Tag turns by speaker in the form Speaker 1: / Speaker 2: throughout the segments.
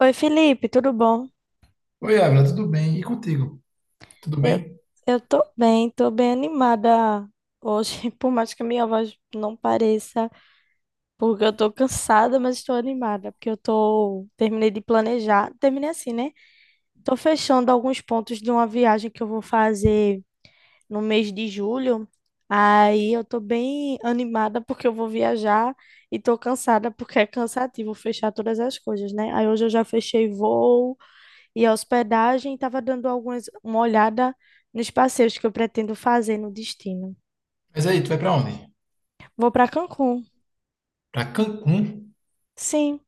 Speaker 1: Oi, Felipe, tudo bom?
Speaker 2: Oi, Ávila, tudo bem? E contigo? Tudo
Speaker 1: Eu,
Speaker 2: bem?
Speaker 1: eu tô bem animada hoje, por mais que a minha voz não pareça, porque eu tô cansada, mas estou animada, porque eu tô, terminei de planejar, terminei assim, né? Tô fechando alguns pontos de uma viagem que eu vou fazer no mês de julho. Aí eu tô bem animada porque eu vou viajar e tô cansada porque é cansativo fechar todas as coisas, né? Aí hoje eu já fechei voo, e a hospedagem, estava dando algumas, uma olhada nos passeios que eu pretendo fazer no destino.
Speaker 2: Mas aí, tu vai pra onde?
Speaker 1: Vou para Cancún.
Speaker 2: Pra Cancún?
Speaker 1: Sim,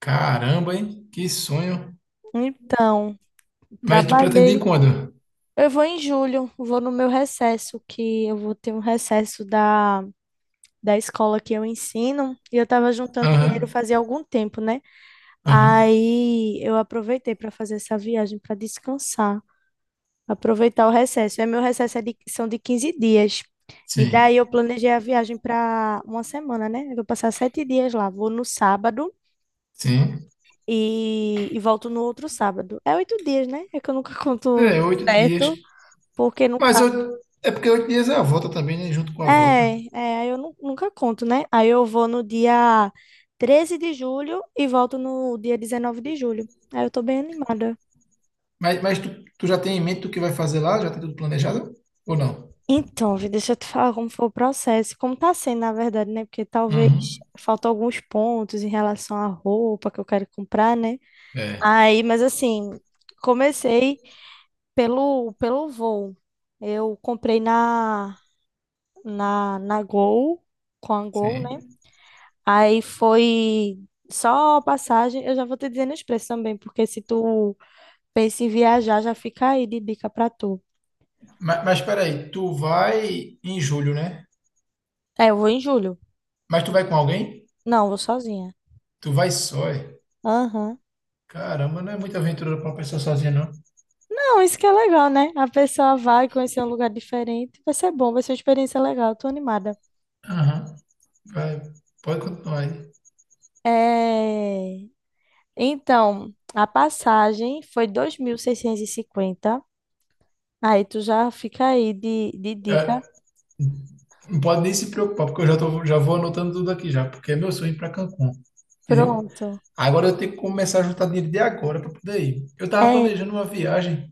Speaker 2: Caramba, hein? Que sonho.
Speaker 1: então,
Speaker 2: Mas tu pretende ir
Speaker 1: trabalhei.
Speaker 2: quando?
Speaker 1: Eu vou em julho, vou no meu recesso, que eu vou ter um recesso da escola que eu ensino, e eu estava juntando dinheiro
Speaker 2: Aham,
Speaker 1: fazia algum tempo, né?
Speaker 2: aham.
Speaker 1: Aí eu aproveitei para fazer essa viagem para descansar. Aproveitar o recesso. É, meu recesso é são de 15 dias. E
Speaker 2: Sim,
Speaker 1: daí eu planejei a viagem para uma semana, né? Eu vou passar 7 dias lá. Vou no sábado
Speaker 2: sim.
Speaker 1: e volto no outro sábado. É 8 dias, né? É que eu nunca conto
Speaker 2: É, oito dias.
Speaker 1: certo, porque
Speaker 2: Mas
Speaker 1: nunca.
Speaker 2: eu... é porque oito dias é a volta também, né? Junto com a volta.
Speaker 1: É, é, aí eu nunca conto, né? Aí eu vou no dia 13 de julho e volto no dia 19 de julho. Aí eu tô bem animada.
Speaker 2: Mas tu já tem em mente o que vai fazer lá? Já tem tudo planejado? Ou não?
Speaker 1: Então, Vi, deixa eu te falar como foi o processo, como tá sendo, na verdade, né? Porque talvez
Speaker 2: Uhum.
Speaker 1: faltam alguns pontos em relação à roupa que eu quero comprar, né?
Speaker 2: É,
Speaker 1: Aí, mas assim, comecei pelo voo. Eu comprei na Gol, com a Gol,
Speaker 2: sim.
Speaker 1: né? Aí foi só a passagem. Eu já vou te dizendo os preços também, porque se tu pensa em viajar, já fica aí de dica pra tu.
Speaker 2: Mas peraí, tu vai em julho, né?
Speaker 1: É, eu vou em julho.
Speaker 2: Mas tu vai com alguém?
Speaker 1: Não, vou sozinha.
Speaker 2: Tu vai só, é?
Speaker 1: Aham.
Speaker 2: Caramba, não é muita aventura pra uma pessoa sozinha, não.
Speaker 1: Não, isso que é legal, né? A pessoa vai conhecer um lugar diferente. Vai ser bom, vai ser uma experiência legal. Tô animada.
Speaker 2: Aham, vai, pode continuar aí.
Speaker 1: É... Então, a passagem foi 2.650. Aí tu já fica aí de dica.
Speaker 2: É, não pode nem se preocupar, porque já vou anotando tudo aqui já, porque é meu sonho ir pra Cancún, entendeu?
Speaker 1: Pronto.
Speaker 2: Agora eu tenho que começar a juntar dinheiro de agora pra poder ir. Eu tava
Speaker 1: É,
Speaker 2: planejando uma viagem,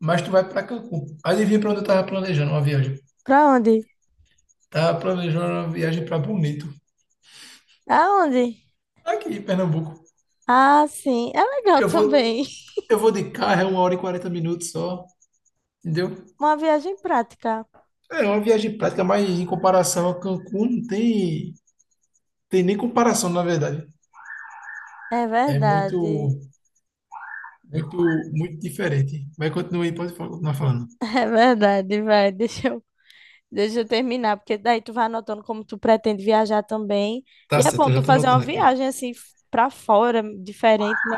Speaker 2: mas tu vai pra Cancún. Adivinha pra onde eu tava planejando uma viagem?
Speaker 1: pra onde?
Speaker 2: Tava planejando uma viagem pra Bonito,
Speaker 1: Aonde?
Speaker 2: aqui em Pernambuco.
Speaker 1: Ah, sim. É legal
Speaker 2: Eu vou,
Speaker 1: também.
Speaker 2: eu vou de carro, é 1h40 só, entendeu?
Speaker 1: Uma viagem prática.
Speaker 2: É uma viagem prática, mas em comparação a Cancún, não tem nem comparação, na verdade.
Speaker 1: É
Speaker 2: É muito,
Speaker 1: verdade.
Speaker 2: muito, muito diferente. Mas continue aí, pode continuar falando.
Speaker 1: É verdade, vai. Deixa eu terminar, porque daí tu vai anotando como tu pretende viajar também. E
Speaker 2: Tá
Speaker 1: é
Speaker 2: certo,
Speaker 1: bom
Speaker 2: eu já
Speaker 1: tu
Speaker 2: estou
Speaker 1: fazer uma
Speaker 2: anotando aqui.
Speaker 1: viagem assim pra fora, diferente, né?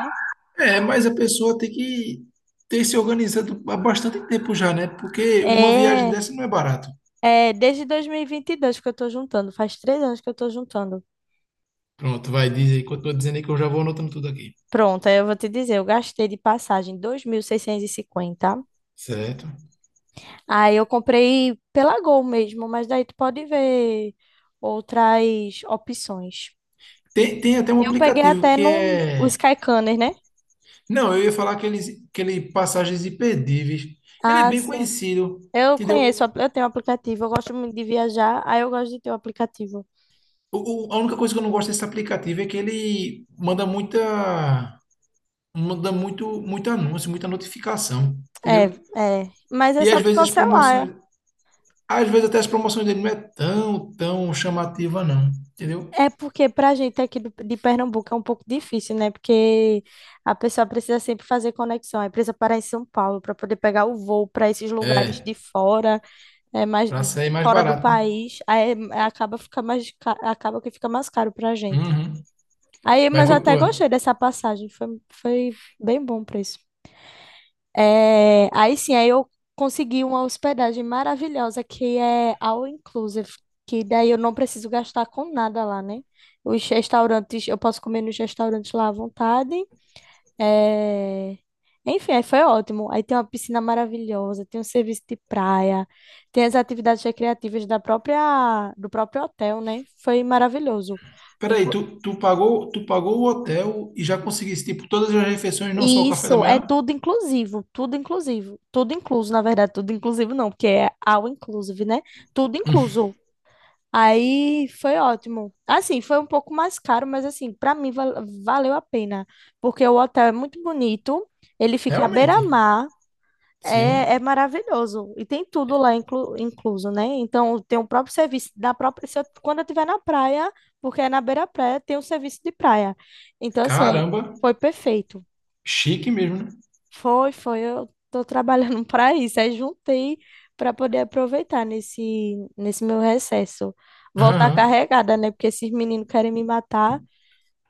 Speaker 2: É, mas a pessoa tem que ter se organizado há bastante tempo já, né? Porque uma viagem
Speaker 1: É,
Speaker 2: dessa não é barato.
Speaker 1: é desde 2022 que eu tô juntando, faz 3 anos que eu tô juntando.
Speaker 2: Pronto, vai, diz aí. Continua dizendo aí que eu já vou anotando tudo aqui.
Speaker 1: Pronto, aí eu vou te dizer, eu gastei de passagem 2.650.
Speaker 2: Certo.
Speaker 1: Aí eu comprei pela Gol mesmo, mas daí tu pode ver outras opções.
Speaker 2: Tem até um
Speaker 1: Eu peguei
Speaker 2: aplicativo
Speaker 1: até
Speaker 2: que
Speaker 1: no o
Speaker 2: é...
Speaker 1: Skyscanner, né?
Speaker 2: Não, eu ia falar aquele Passagens Imperdíveis. Ele é
Speaker 1: Ah,
Speaker 2: bem
Speaker 1: sim.
Speaker 2: conhecido,
Speaker 1: Eu
Speaker 2: entendeu?
Speaker 1: conheço, eu tenho um aplicativo, eu gosto muito de viajar, aí eu gosto de ter o aplicativo.
Speaker 2: A única coisa que eu não gosto desse aplicativo é que ele manda muito, muito anúncio, muita notificação,
Speaker 1: É,
Speaker 2: entendeu?
Speaker 1: é. Mas é
Speaker 2: E
Speaker 1: só tu cancelar.
Speaker 2: às vezes até as promoções dele não é tão, tão chamativa não, entendeu?
Speaker 1: É porque pra gente aqui de Pernambuco é um pouco difícil, né? Porque a pessoa precisa sempre fazer conexão, aí precisa parar em São Paulo para poder pegar o voo para esses lugares
Speaker 2: É,
Speaker 1: de fora, é mais
Speaker 2: pra sair mais
Speaker 1: fora do
Speaker 2: barato, né?
Speaker 1: país, aí acaba que fica mais caro pra gente.
Speaker 2: Uhum.
Speaker 1: Aí,
Speaker 2: Vai
Speaker 1: mas
Speaker 2: com
Speaker 1: eu
Speaker 2: a
Speaker 1: até
Speaker 2: tua.
Speaker 1: gostei dessa passagem, foi bem bom o preço. É, aí sim, aí eu consegui uma hospedagem maravilhosa que é all inclusive, que daí eu não preciso gastar com nada lá, né? Os restaurantes, eu posso comer nos restaurantes lá à vontade. É, enfim, aí foi ótimo. Aí tem uma piscina maravilhosa, tem um serviço de praia, tem as atividades recreativas do próprio hotel, né? Foi maravilhoso.
Speaker 2: Peraí, tu pagou o hotel e já conseguiste, tipo, todas as refeições, não só
Speaker 1: E
Speaker 2: o café da
Speaker 1: isso é
Speaker 2: manhã?
Speaker 1: tudo inclusivo, tudo inclusivo, tudo incluso, na verdade, tudo inclusivo não, porque é all inclusive, né? Tudo incluso. Aí foi ótimo. Assim, foi um pouco mais caro, mas assim, para mim valeu a pena, porque o hotel é muito bonito, ele fica à
Speaker 2: Realmente.
Speaker 1: beira-mar, é
Speaker 2: Sim.
Speaker 1: maravilhoso e tem tudo lá incluso, né? Então tem o próprio serviço da própria, se eu- quando eu estiver na praia, porque é na beira-praia, tem o serviço de praia. Então assim, é,
Speaker 2: Caramba,
Speaker 1: foi perfeito.
Speaker 2: chique mesmo, né?
Speaker 1: Foi, foi. Eu tô trabalhando para isso. Aí juntei para poder aproveitar nesse meu recesso. Voltar
Speaker 2: Aham.
Speaker 1: carregada, né? Porque esses meninos querem me matar.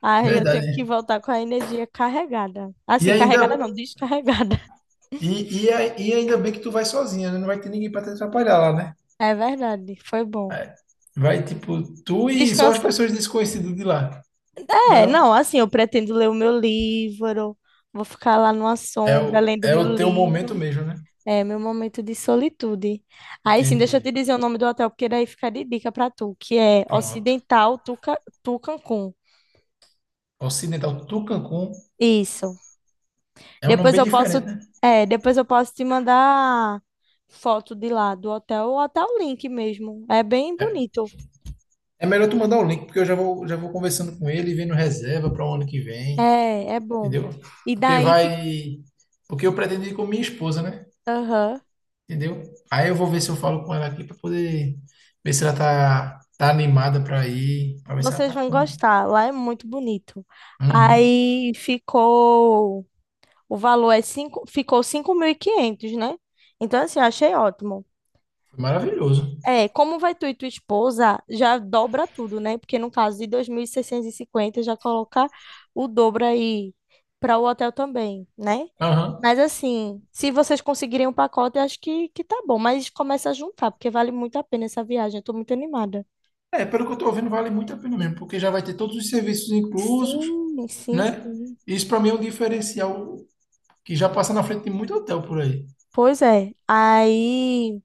Speaker 1: Aí eu tenho que
Speaker 2: Verdade.
Speaker 1: voltar com a energia carregada.
Speaker 2: E
Speaker 1: Assim,
Speaker 2: ainda,
Speaker 1: carregada não, descarregada.
Speaker 2: e, a- e ainda bem que tu vai sozinha, né? Não vai ter ninguém para te atrapalhar lá, né?
Speaker 1: É verdade, foi bom.
Speaker 2: É. Vai, tipo, tu e só as
Speaker 1: Descansar.
Speaker 2: pessoas desconhecidas de lá. Mas
Speaker 1: É,
Speaker 2: não.
Speaker 1: não, assim, eu pretendo ler o meu livro. Vou ficar lá numa
Speaker 2: É o,
Speaker 1: sombra lendo o
Speaker 2: é
Speaker 1: meu
Speaker 2: o teu
Speaker 1: livro.
Speaker 2: momento mesmo, né?
Speaker 1: É, meu momento de solitude. Aí sim,
Speaker 2: Entendi.
Speaker 1: deixa eu te dizer o nome do hotel, porque daí fica de dica pra tu, que é
Speaker 2: Pronto.
Speaker 1: Ocidental Tuca, Tu Cancún.
Speaker 2: Ocidental Tucancum
Speaker 1: Isso.
Speaker 2: é um nome
Speaker 1: Depois
Speaker 2: bem
Speaker 1: eu posso,
Speaker 2: diferente, né?
Speaker 1: é, depois eu posso te mandar foto de lá do hotel, ou até o link mesmo. É bem bonito.
Speaker 2: É melhor tu mandar o link, porque eu já vou conversando com ele, e vendo reserva para o ano que vem,
Speaker 1: É, é bom.
Speaker 2: entendeu?
Speaker 1: E
Speaker 2: Porque
Speaker 1: daí fica,
Speaker 2: vai. Porque eu pretendo ir com minha esposa, né?
Speaker 1: aham,
Speaker 2: Entendeu? Aí eu vou ver se eu falo com ela aqui para poder ver se ela tá animada para ir, para ver se ela
Speaker 1: vocês
Speaker 2: tá
Speaker 1: vão
Speaker 2: com.
Speaker 1: gostar. Lá é muito bonito.
Speaker 2: Uhum.
Speaker 1: Aí ficou, o valor ficou 5.500, né? Então assim, eu achei ótimo.
Speaker 2: Foi maravilhoso.
Speaker 1: É, como vai tu e tua esposa, já dobra tudo, né? Porque no caso de 2.650, já coloca o dobro aí para o hotel também, né?
Speaker 2: Aham.
Speaker 1: Mas assim, se vocês conseguirem um pacote, eu acho que tá bom. Mas começa a juntar, porque vale muito a pena essa viagem. Eu tô muito animada.
Speaker 2: É, pelo que eu tô vendo, vale muito a pena mesmo, porque já vai ter todos os serviços inclusos,
Speaker 1: Sim, sim,
Speaker 2: né?
Speaker 1: sim.
Speaker 2: Isso para mim é um diferencial que já passa na frente de muito hotel por aí.
Speaker 1: Pois é. Aí.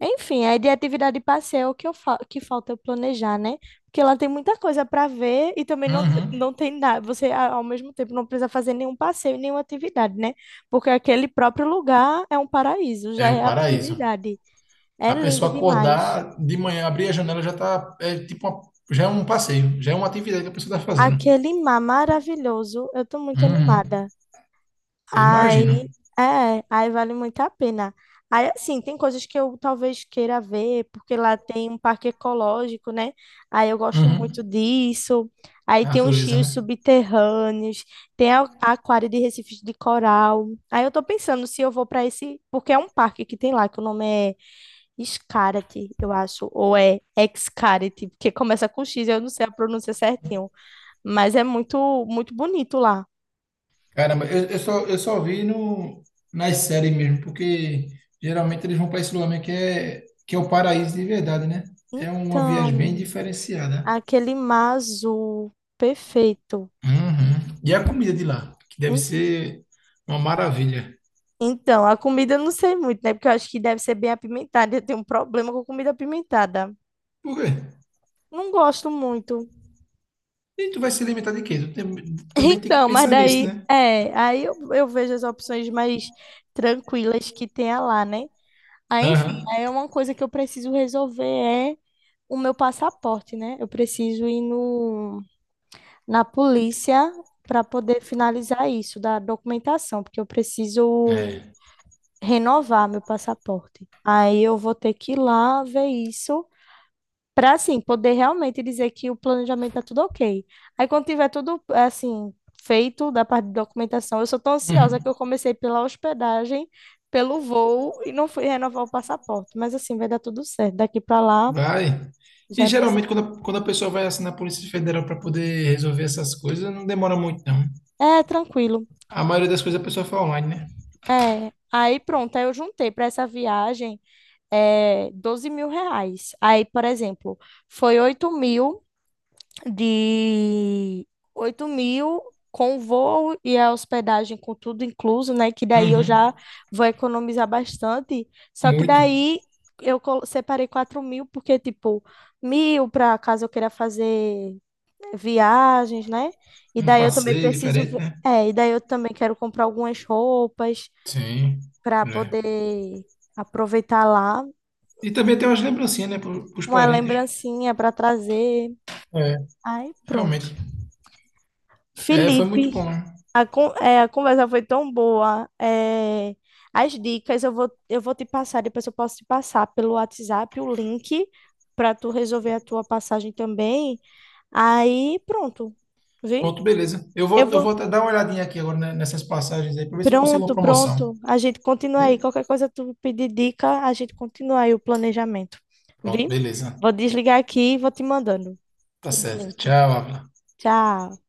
Speaker 1: Enfim, aí de atividade de passeio que falta eu planejar, né? Porque lá tem muita coisa para ver e também não,
Speaker 2: Uhum.
Speaker 1: não tem nada. Você, ao mesmo tempo, não precisa fazer nenhum passeio e nenhuma atividade, né? Porque aquele próprio lugar é um paraíso,
Speaker 2: É
Speaker 1: já
Speaker 2: o
Speaker 1: é
Speaker 2: paraíso.
Speaker 1: atividade. É
Speaker 2: A
Speaker 1: lindo
Speaker 2: pessoa
Speaker 1: demais.
Speaker 2: acordar de manhã, abrir a janela já tá, já é um passeio, já é uma atividade que a pessoa tá fazendo.
Speaker 1: Aquele mar maravilhoso, eu tô muito
Speaker 2: Uhum.
Speaker 1: animada.
Speaker 2: Eu imagino.
Speaker 1: Aí, é, aí vale muito a pena. Aí, assim, tem coisas que eu talvez queira ver, porque lá tem um parque ecológico, né? Aí eu gosto
Speaker 2: Uhum.
Speaker 1: muito disso. Aí
Speaker 2: A
Speaker 1: tem os
Speaker 2: natureza,
Speaker 1: rios
Speaker 2: né?
Speaker 1: subterrâneos, tem a aquário de recifes de coral. Aí eu tô pensando se eu vou para esse, porque é um parque que tem lá, que o nome é Xcaret, eu acho, ou é Xcaret, porque começa com X, eu não sei a pronúncia certinho, mas é muito, muito bonito lá.
Speaker 2: Caramba, eu só vi no, nas séries mesmo, porque geralmente eles vão para esse lugar mesmo que é o paraíso de verdade, né? É uma viagem
Speaker 1: Então,
Speaker 2: bem diferenciada.
Speaker 1: aquele mar azul. Perfeito.
Speaker 2: Uhum. E a comida de lá, que deve
Speaker 1: En-
Speaker 2: ser uma maravilha.
Speaker 1: Então, a comida eu não sei muito, né? Porque eu acho que deve ser bem apimentada. Eu tenho um problema com comida apimentada.
Speaker 2: Por quê?
Speaker 1: Não gosto muito.
Speaker 2: E tu vai se alimentar de quê? Também tem que
Speaker 1: Então, mas
Speaker 2: pensar nisso,
Speaker 1: daí,
Speaker 2: né?
Speaker 1: é, aí eu vejo as opções mais tranquilas que tenha lá, né? Aí, enfim,
Speaker 2: Aham.
Speaker 1: aí é uma coisa que eu preciso resolver é o meu passaporte, né? Eu preciso ir no, na polícia para poder finalizar isso da documentação, porque eu preciso
Speaker 2: É.
Speaker 1: renovar meu passaporte. Aí eu vou ter que ir lá ver isso para assim poder realmente dizer que o planejamento tá tudo ok. Aí quando tiver tudo assim feito da parte de documentação, eu sou tão ansiosa
Speaker 2: Uhum.
Speaker 1: que eu comecei pela hospedagem, pelo voo e não fui renovar o passaporte, mas assim vai dar tudo certo. Daqui para lá
Speaker 2: Vai.
Speaker 1: já
Speaker 2: E
Speaker 1: deu
Speaker 2: geralmente
Speaker 1: certo.
Speaker 2: quando a pessoa vai assim na Polícia Federal para poder resolver essas coisas, não demora muito, não.
Speaker 1: É, tranquilo.
Speaker 2: A maioria das coisas a pessoa faz online, né?
Speaker 1: É, aí pronto, aí eu juntei para essa viagem 12 mil reais. Aí, por exemplo, foi 8 mil de 8 mil com voo e a hospedagem com tudo incluso, né? Que daí eu
Speaker 2: Uhum.
Speaker 1: já vou economizar bastante. Só que
Speaker 2: Muito.
Speaker 1: daí eu separei 4 mil, porque, tipo, mil para caso eu queira fazer né, viagens, né? E
Speaker 2: Um
Speaker 1: daí eu também
Speaker 2: passeio
Speaker 1: preciso.
Speaker 2: diferente, né?
Speaker 1: É, e daí eu também quero comprar algumas roupas
Speaker 2: Sim.
Speaker 1: para
Speaker 2: É.
Speaker 1: poder aproveitar lá.
Speaker 2: E também tem umas lembrancinhas, né? Para os
Speaker 1: Uma
Speaker 2: parentes.
Speaker 1: lembrancinha para trazer.
Speaker 2: É,
Speaker 1: Aí, pronto.
Speaker 2: realmente. É, foi muito
Speaker 1: Felipe.
Speaker 2: bom, né?
Speaker 1: É, a conversa foi tão boa. É, as dicas eu vou te passar, depois eu posso te passar pelo WhatsApp o link para tu resolver a tua passagem também. Aí pronto, Vi?
Speaker 2: Pronto, beleza. Eu
Speaker 1: Eu
Speaker 2: vou, eu
Speaker 1: vou.
Speaker 2: vou até dar uma olhadinha aqui agora né, nessas passagens aí para ver se eu consigo uma
Speaker 1: Pronto,
Speaker 2: promoção.
Speaker 1: pronto. A gente continua
Speaker 2: Né?
Speaker 1: aí. Qualquer coisa tu pedir dica, a gente continua aí o planejamento.
Speaker 2: Pronto,
Speaker 1: Vi?
Speaker 2: beleza.
Speaker 1: Vou desligar aqui e vou te mandando
Speaker 2: Tá
Speaker 1: os
Speaker 2: certo.
Speaker 1: links.
Speaker 2: Tchau, Ávila.
Speaker 1: Tchau.